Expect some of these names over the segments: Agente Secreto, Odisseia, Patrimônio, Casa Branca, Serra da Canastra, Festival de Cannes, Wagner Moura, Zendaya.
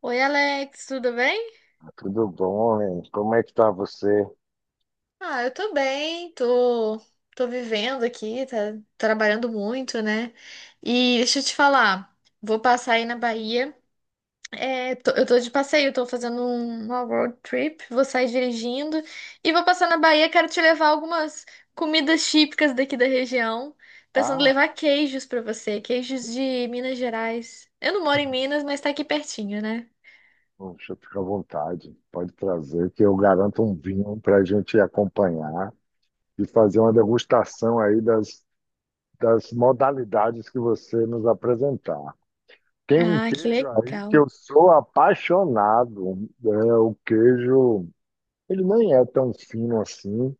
Oi, Alex, tudo bem? Tudo bom, hein? Como é que tá você? Ah, eu tô bem, tô, tô vivendo aqui, tá trabalhando muito, né? E deixa eu te falar, vou passar aí na Bahia. É, eu tô de passeio, tô fazendo uma road trip, vou sair dirigindo e vou passar na Bahia, quero te levar algumas comidas típicas daqui da região. Pensando em Ah, levar queijos pra você, queijos de Minas Gerais. Eu não moro em Minas, mas tá aqui pertinho, né? poxa, fica à vontade. Pode trazer, que eu garanto um vinho para a gente acompanhar e fazer uma degustação aí das modalidades que você nos apresentar. Tem um Ah, que queijo aí que legal. eu sou apaixonado. É, o queijo, ele nem é tão fino assim.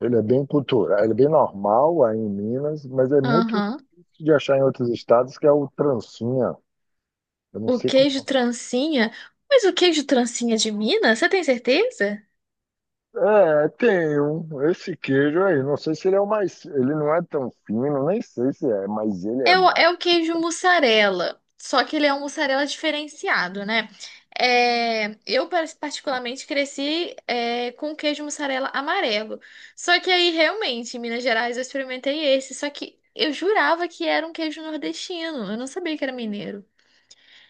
Ele é bem cultural, ele é bem normal aí em Minas, mas é muito Aham. difícil de achar em outros estados, que é o trancinha. Eu não O sei queijo como. trancinha? Mas o queijo trancinha de Minas, você tem certeza? É, tem um, esse queijo aí, não sei se ele é o mais, ele não é tão fino, nem sei se é, mas ele é É o, mara. é o queijo mussarela, só que ele é um mussarela diferenciado, né? É, eu, particularmente, cresci é, com queijo mussarela amarelo. Só que aí, realmente, em Minas Gerais, eu experimentei esse. Só que eu jurava que era um queijo nordestino. Eu não sabia que era mineiro.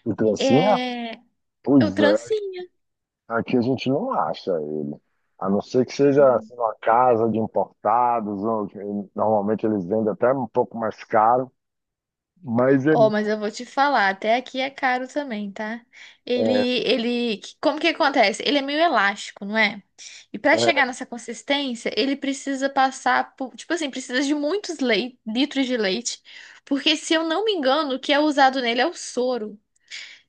O trancinha? É, é o Pois é, trancinha. aqui a gente não acha ele. A não ser que seja assim, uma casa de importados, ou que normalmente eles vendem até um pouco mais caro, mas é, Oh, mas eu vou te falar, até aqui é caro também, tá? Ele, é ele, como que acontece? Ele é meio elástico, não é? E para chegar é, nessa consistência, ele precisa passar por, tipo assim, precisa de muitos litros de leite, porque se eu não me engano, o que é usado nele é o soro.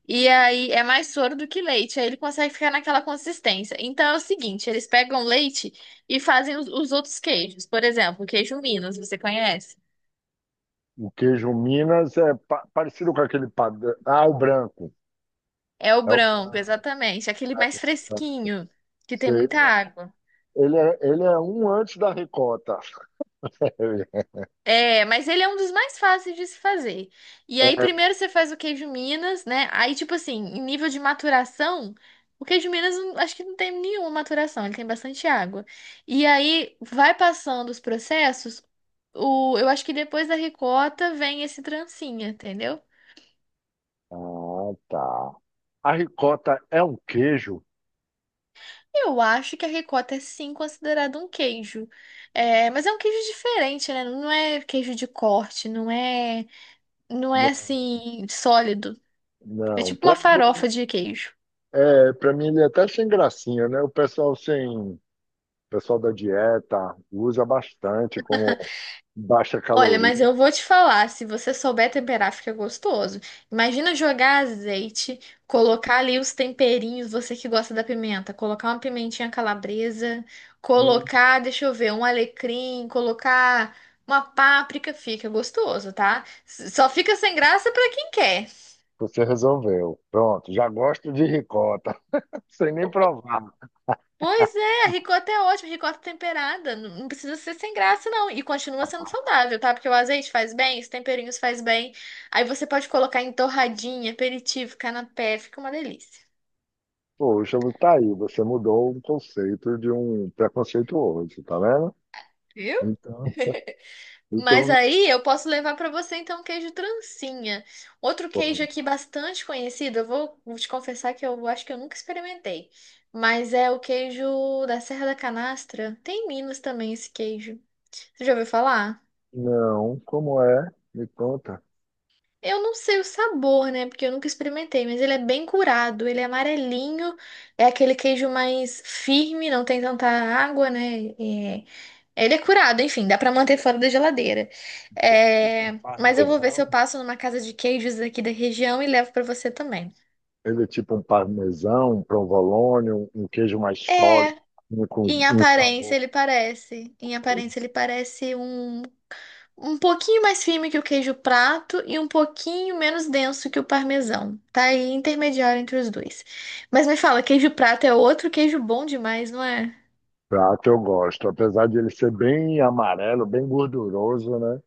E aí é mais soro do que leite, aí ele consegue ficar naquela consistência. Então é o seguinte, eles pegam leite e fazem os outros queijos. Por exemplo, o queijo Minas, você conhece? o queijo Minas é parecido com aquele padrão. Ah, o branco. É o É o branco, branco. exatamente. Aquele mais fresquinho, que tem Sei. muita água. Ele é um antes da ricota. É, mas ele é um dos mais fáceis de se fazer. E aí, primeiro você faz o queijo Minas, né? Aí, tipo assim, em nível de maturação, o queijo Minas acho que não tem nenhuma maturação, ele tem bastante água. E aí, vai passando os processos, o, eu acho que depois da ricota vem esse trancinha, entendeu? Ah, tá. A ricota é um queijo? Eu acho que a ricota é sim é considerado um queijo. É, mas é um queijo diferente, né? Não é queijo de corte, não é Não, assim sólido. É não. tipo Para uma mim, farofa de queijo. é, para mim ele é até sem gracinha, né? O pessoal sem, o pessoal da dieta usa bastante como baixa Olha, mas caloria. eu vou te falar, se você souber temperar, fica gostoso. Imagina jogar azeite, colocar ali os temperinhos, você que gosta da pimenta, colocar uma pimentinha calabresa, Hum, colocar, deixa eu ver, um alecrim, colocar uma páprica, fica gostoso, tá? Só fica sem graça pra quem quer. você resolveu. Pronto, já gosto de ricota, sem nem provar. Pois é, ricota é ótimo, ricota temperada. Não precisa ser sem graça, não. E continua sendo saudável, tá? Porque o azeite faz bem, os temperinhos faz bem. Aí você pode colocar em torradinha, aperitivo, canapé, fica uma delícia. Poxa, tá aí, você mudou um conceito de um preconceituoso, tá vendo? Viu? Então, Mas então aí eu posso levar pra você então um queijo trancinha. Outro queijo pode. aqui bastante conhecido, eu vou te confessar que eu acho que eu nunca experimentei. Mas é o queijo da Serra da Canastra. Tem em Minas também esse queijo. Você já ouviu falar? Não, como é? Me conta. Eu não sei o sabor, né? Porque eu nunca experimentei, mas ele é bem curado, ele é amarelinho, é aquele queijo mais firme, não tem tanta água, né? É, ele é curado, enfim, dá pra manter fora da geladeira. Tipo um É, mas eu vou ver se eu parmesão. passo numa casa de queijos aqui da região e levo pra você também. Ele é tipo um parmesão, um provolone, um queijo mais sólido, É, um, com um sabor. Em aparência Esse ele parece um um pouquinho mais firme que o queijo prato e um pouquinho menos denso que o parmesão. Tá aí intermediário entre os dois. Mas me fala, queijo prato é outro queijo bom demais, não é? prato eu gosto. Apesar de ele ser bem amarelo, bem gorduroso, né?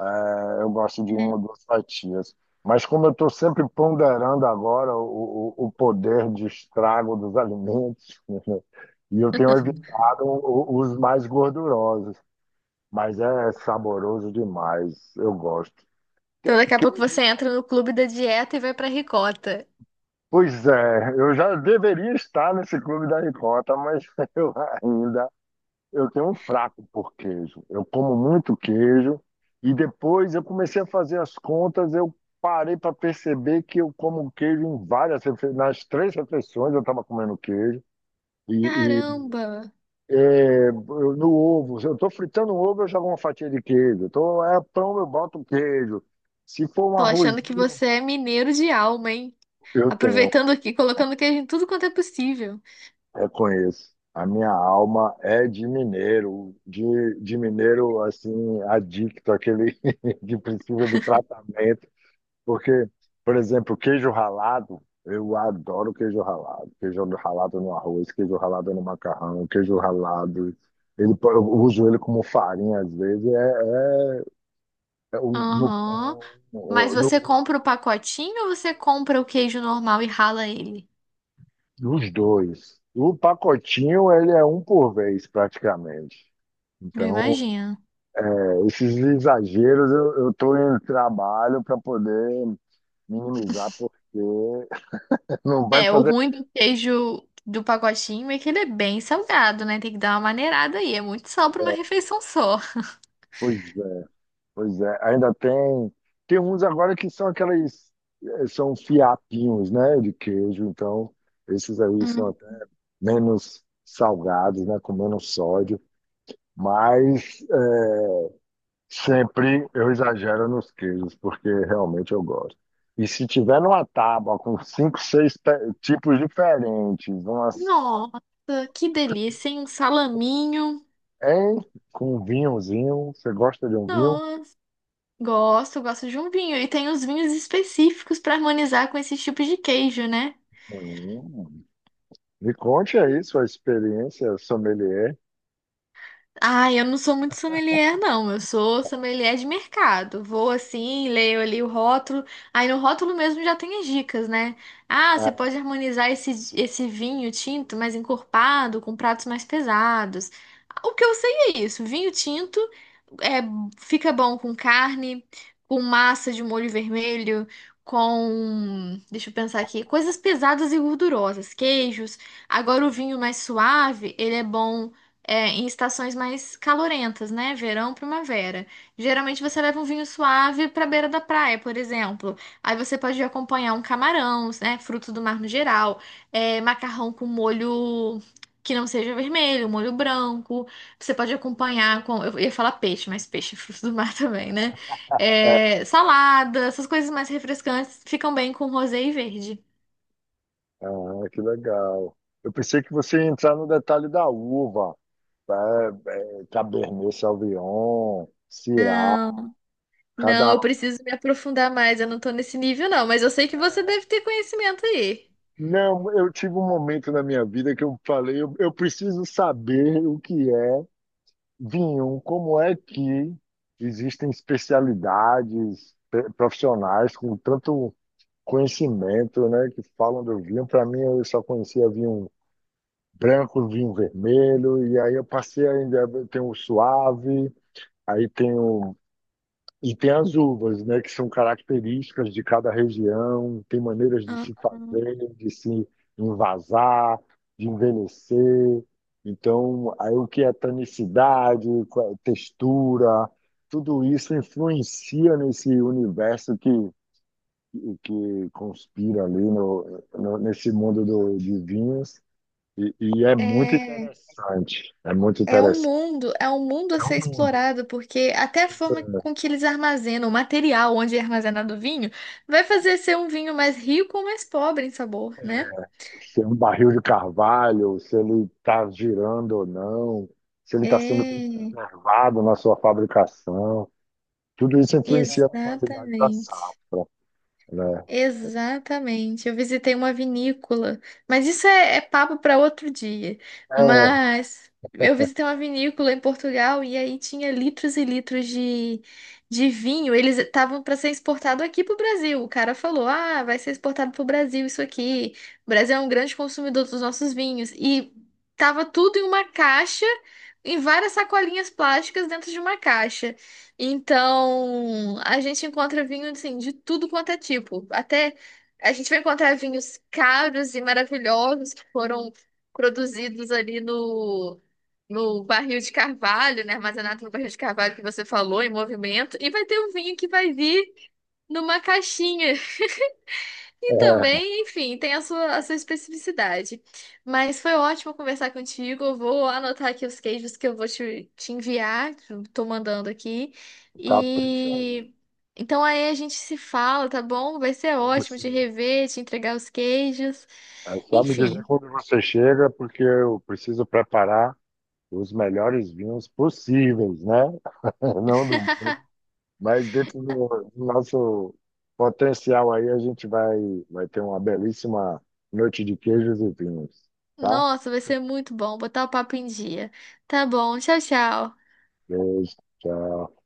É, eu gosto de É. uma ou duas fatias. Mas como eu estou sempre ponderando agora o poder de estrago dos alimentos, e eu tenho evitado os mais gordurosos, mas é saboroso demais, eu gosto. Que- Então daqui a pouco você Queijo. entra no clube da dieta e vai pra ricota. Pois é, eu já deveria estar nesse clube da ricota, mas eu ainda, eu tenho um fraco por queijo. Eu como muito queijo e depois eu comecei a fazer as contas, eu parei para perceber que eu como queijo em várias nas 3 refeições eu estava comendo queijo e, e, Caramba! é, no ovo, se eu estou fritando um ovo eu jogo uma fatia de queijo, tô, é pão eu boto queijo, se for um Tô achando que arrozinho você é mineiro de alma, hein? eu tenho. Aproveitando aqui, colocando queijo em tudo quanto é possível. Eu conheço. A minha alma é de mineiro assim, adicto, aquele que precisa de tratamento. Porque, por exemplo, queijo ralado, eu adoro queijo ralado. Queijo ralado no arroz, queijo ralado no macarrão, queijo ralado. Ele, eu uso ele como farinha às vezes, é, no Aham. pão, Mas você compra o pacotinho ou você compra o queijo normal e rala ele? nos dois. O pacotinho, ele é um por vez, praticamente. Eu Então. imagino. É, esses exageros eu tô em trabalho para poder minimizar, porque não vai É, o fazer bem. ruim do queijo do pacotinho é que ele é bem salgado, né? Tem que dar uma maneirada aí. É muito sal para uma refeição só. Pois é, pois é. Ainda tem, tem uns agora que são aqueles, são fiapinhos, né, de queijo, então esses aí são Hum. até menos salgados, né, com menos sódio, mas sempre eu exagero nos queijos, porque realmente eu gosto. E se tiver numa tábua com cinco, seis tipos diferentes, umas, Nossa, que delícia, hein? Um salaminho. hein? Com um vinhozinho, você gosta de um vinho? Nossa. Gosto, gosto de um vinho. E tem os vinhos específicos para harmonizar com esse tipo de queijo, né? Hum. Me conte aí sua experiência sommelier. Ah, eu não sou muito sommelier, não. Eu sou sommelier de mercado. Vou assim, leio ali o rótulo. Aí no rótulo mesmo já tem as dicas, né? Ah, você pode Ah, harmonizar esse vinho tinto mais encorpado com pratos mais pesados. O que eu sei é isso. Vinho tinto é, fica bom com carne, com massa de molho vermelho, com... Deixa eu pensar aqui. Coisas pesadas e gordurosas. Queijos. Agora o vinho mais suave, ele é bom é, em estações mais calorentas, né? Verão, primavera. Geralmente você leva um vinho suave para beira da praia, por exemplo. Aí você pode acompanhar um camarão, né? Frutos do mar no geral, é, macarrão com molho que não seja vermelho, molho branco. Você pode acompanhar com, eu ia falar peixe, mas peixe é fruto do mar também, né? é, É, salada, essas coisas mais refrescantes ficam bem com rosé e verde. ah, que legal. Eu pensei que você ia entrar no detalhe da uva, Cabernet Sauvignon, Syrah, Não, cada. eu preciso me aprofundar mais. Eu não tô nesse nível, não, mas eu sei que você deve ter conhecimento aí. Não, eu tive um momento na minha vida que eu falei, eu preciso saber o que é vinho, como é que existem especialidades profissionais com tanto conhecimento, né, que falam do vinho. Para mim, eu só conhecia vinho branco, vinho vermelho, e aí eu passei ainda, tem o suave, aí tem o, e tem as uvas, né, que são características de cada região, tem maneiras de se Aham. fazer, de se envasar, de envelhecer. Então, aí o que é tanicidade, qual é a textura, tudo isso influencia nesse universo que conspira ali no, nesse mundo do, de vinhos. E é muito É, interessante, é muito interessante. É um mundo a É um ser mundo. explorado, porque até a forma com que eles armazenam, o material onde é armazenado o vinho, vai fazer ser um vinho mais rico ou mais pobre em sabor, né? Se é um barril de carvalho, se ele está girando ou não, se ele está sendo bem É, preservado na sua fabricação. Tudo isso influencia na qualidade da exatamente. safra, né? Exatamente. Eu visitei uma vinícola, mas isso é papo para outro dia. É, Mas eu visitei uma vinícola em Portugal e aí tinha litros e litros de vinho. Eles estavam para ser exportado aqui para o Brasil. O cara falou: Ah, vai ser exportado para o Brasil isso aqui. O Brasil é um grande consumidor dos nossos vinhos. E tava tudo em uma caixa, em várias sacolinhas plásticas dentro de uma caixa. Então, a gente encontra vinho assim, de tudo quanto é tipo. Até a gente vai encontrar vinhos caros e maravilhosos que foram produzidos ali no barril de carvalho, né? Armazenado no barril de carvalho que você falou, em movimento. E vai ter um vinho que vai vir numa caixinha. E é, também, enfim, tem a sua especificidade. Mas foi ótimo conversar contigo. Eu vou anotar aqui os queijos que eu vou te enviar, que eu tô mandando aqui. capricha aí. E então aí a gente se fala, tá bom? Vai ser Vamos ótimo de sim. rever, te entregar os queijos. É só me dizer Enfim, quando você chega, porque eu preciso preparar os melhores vinhos possíveis, né? Não do mundo. Mas dentro do, do nosso potencial aí, a gente vai, vai ter uma belíssima noite de queijos e vinhos, tá? nossa, vai ser muito bom botar o papo em dia. Tá bom, tchau, tchau. Beijo, tchau.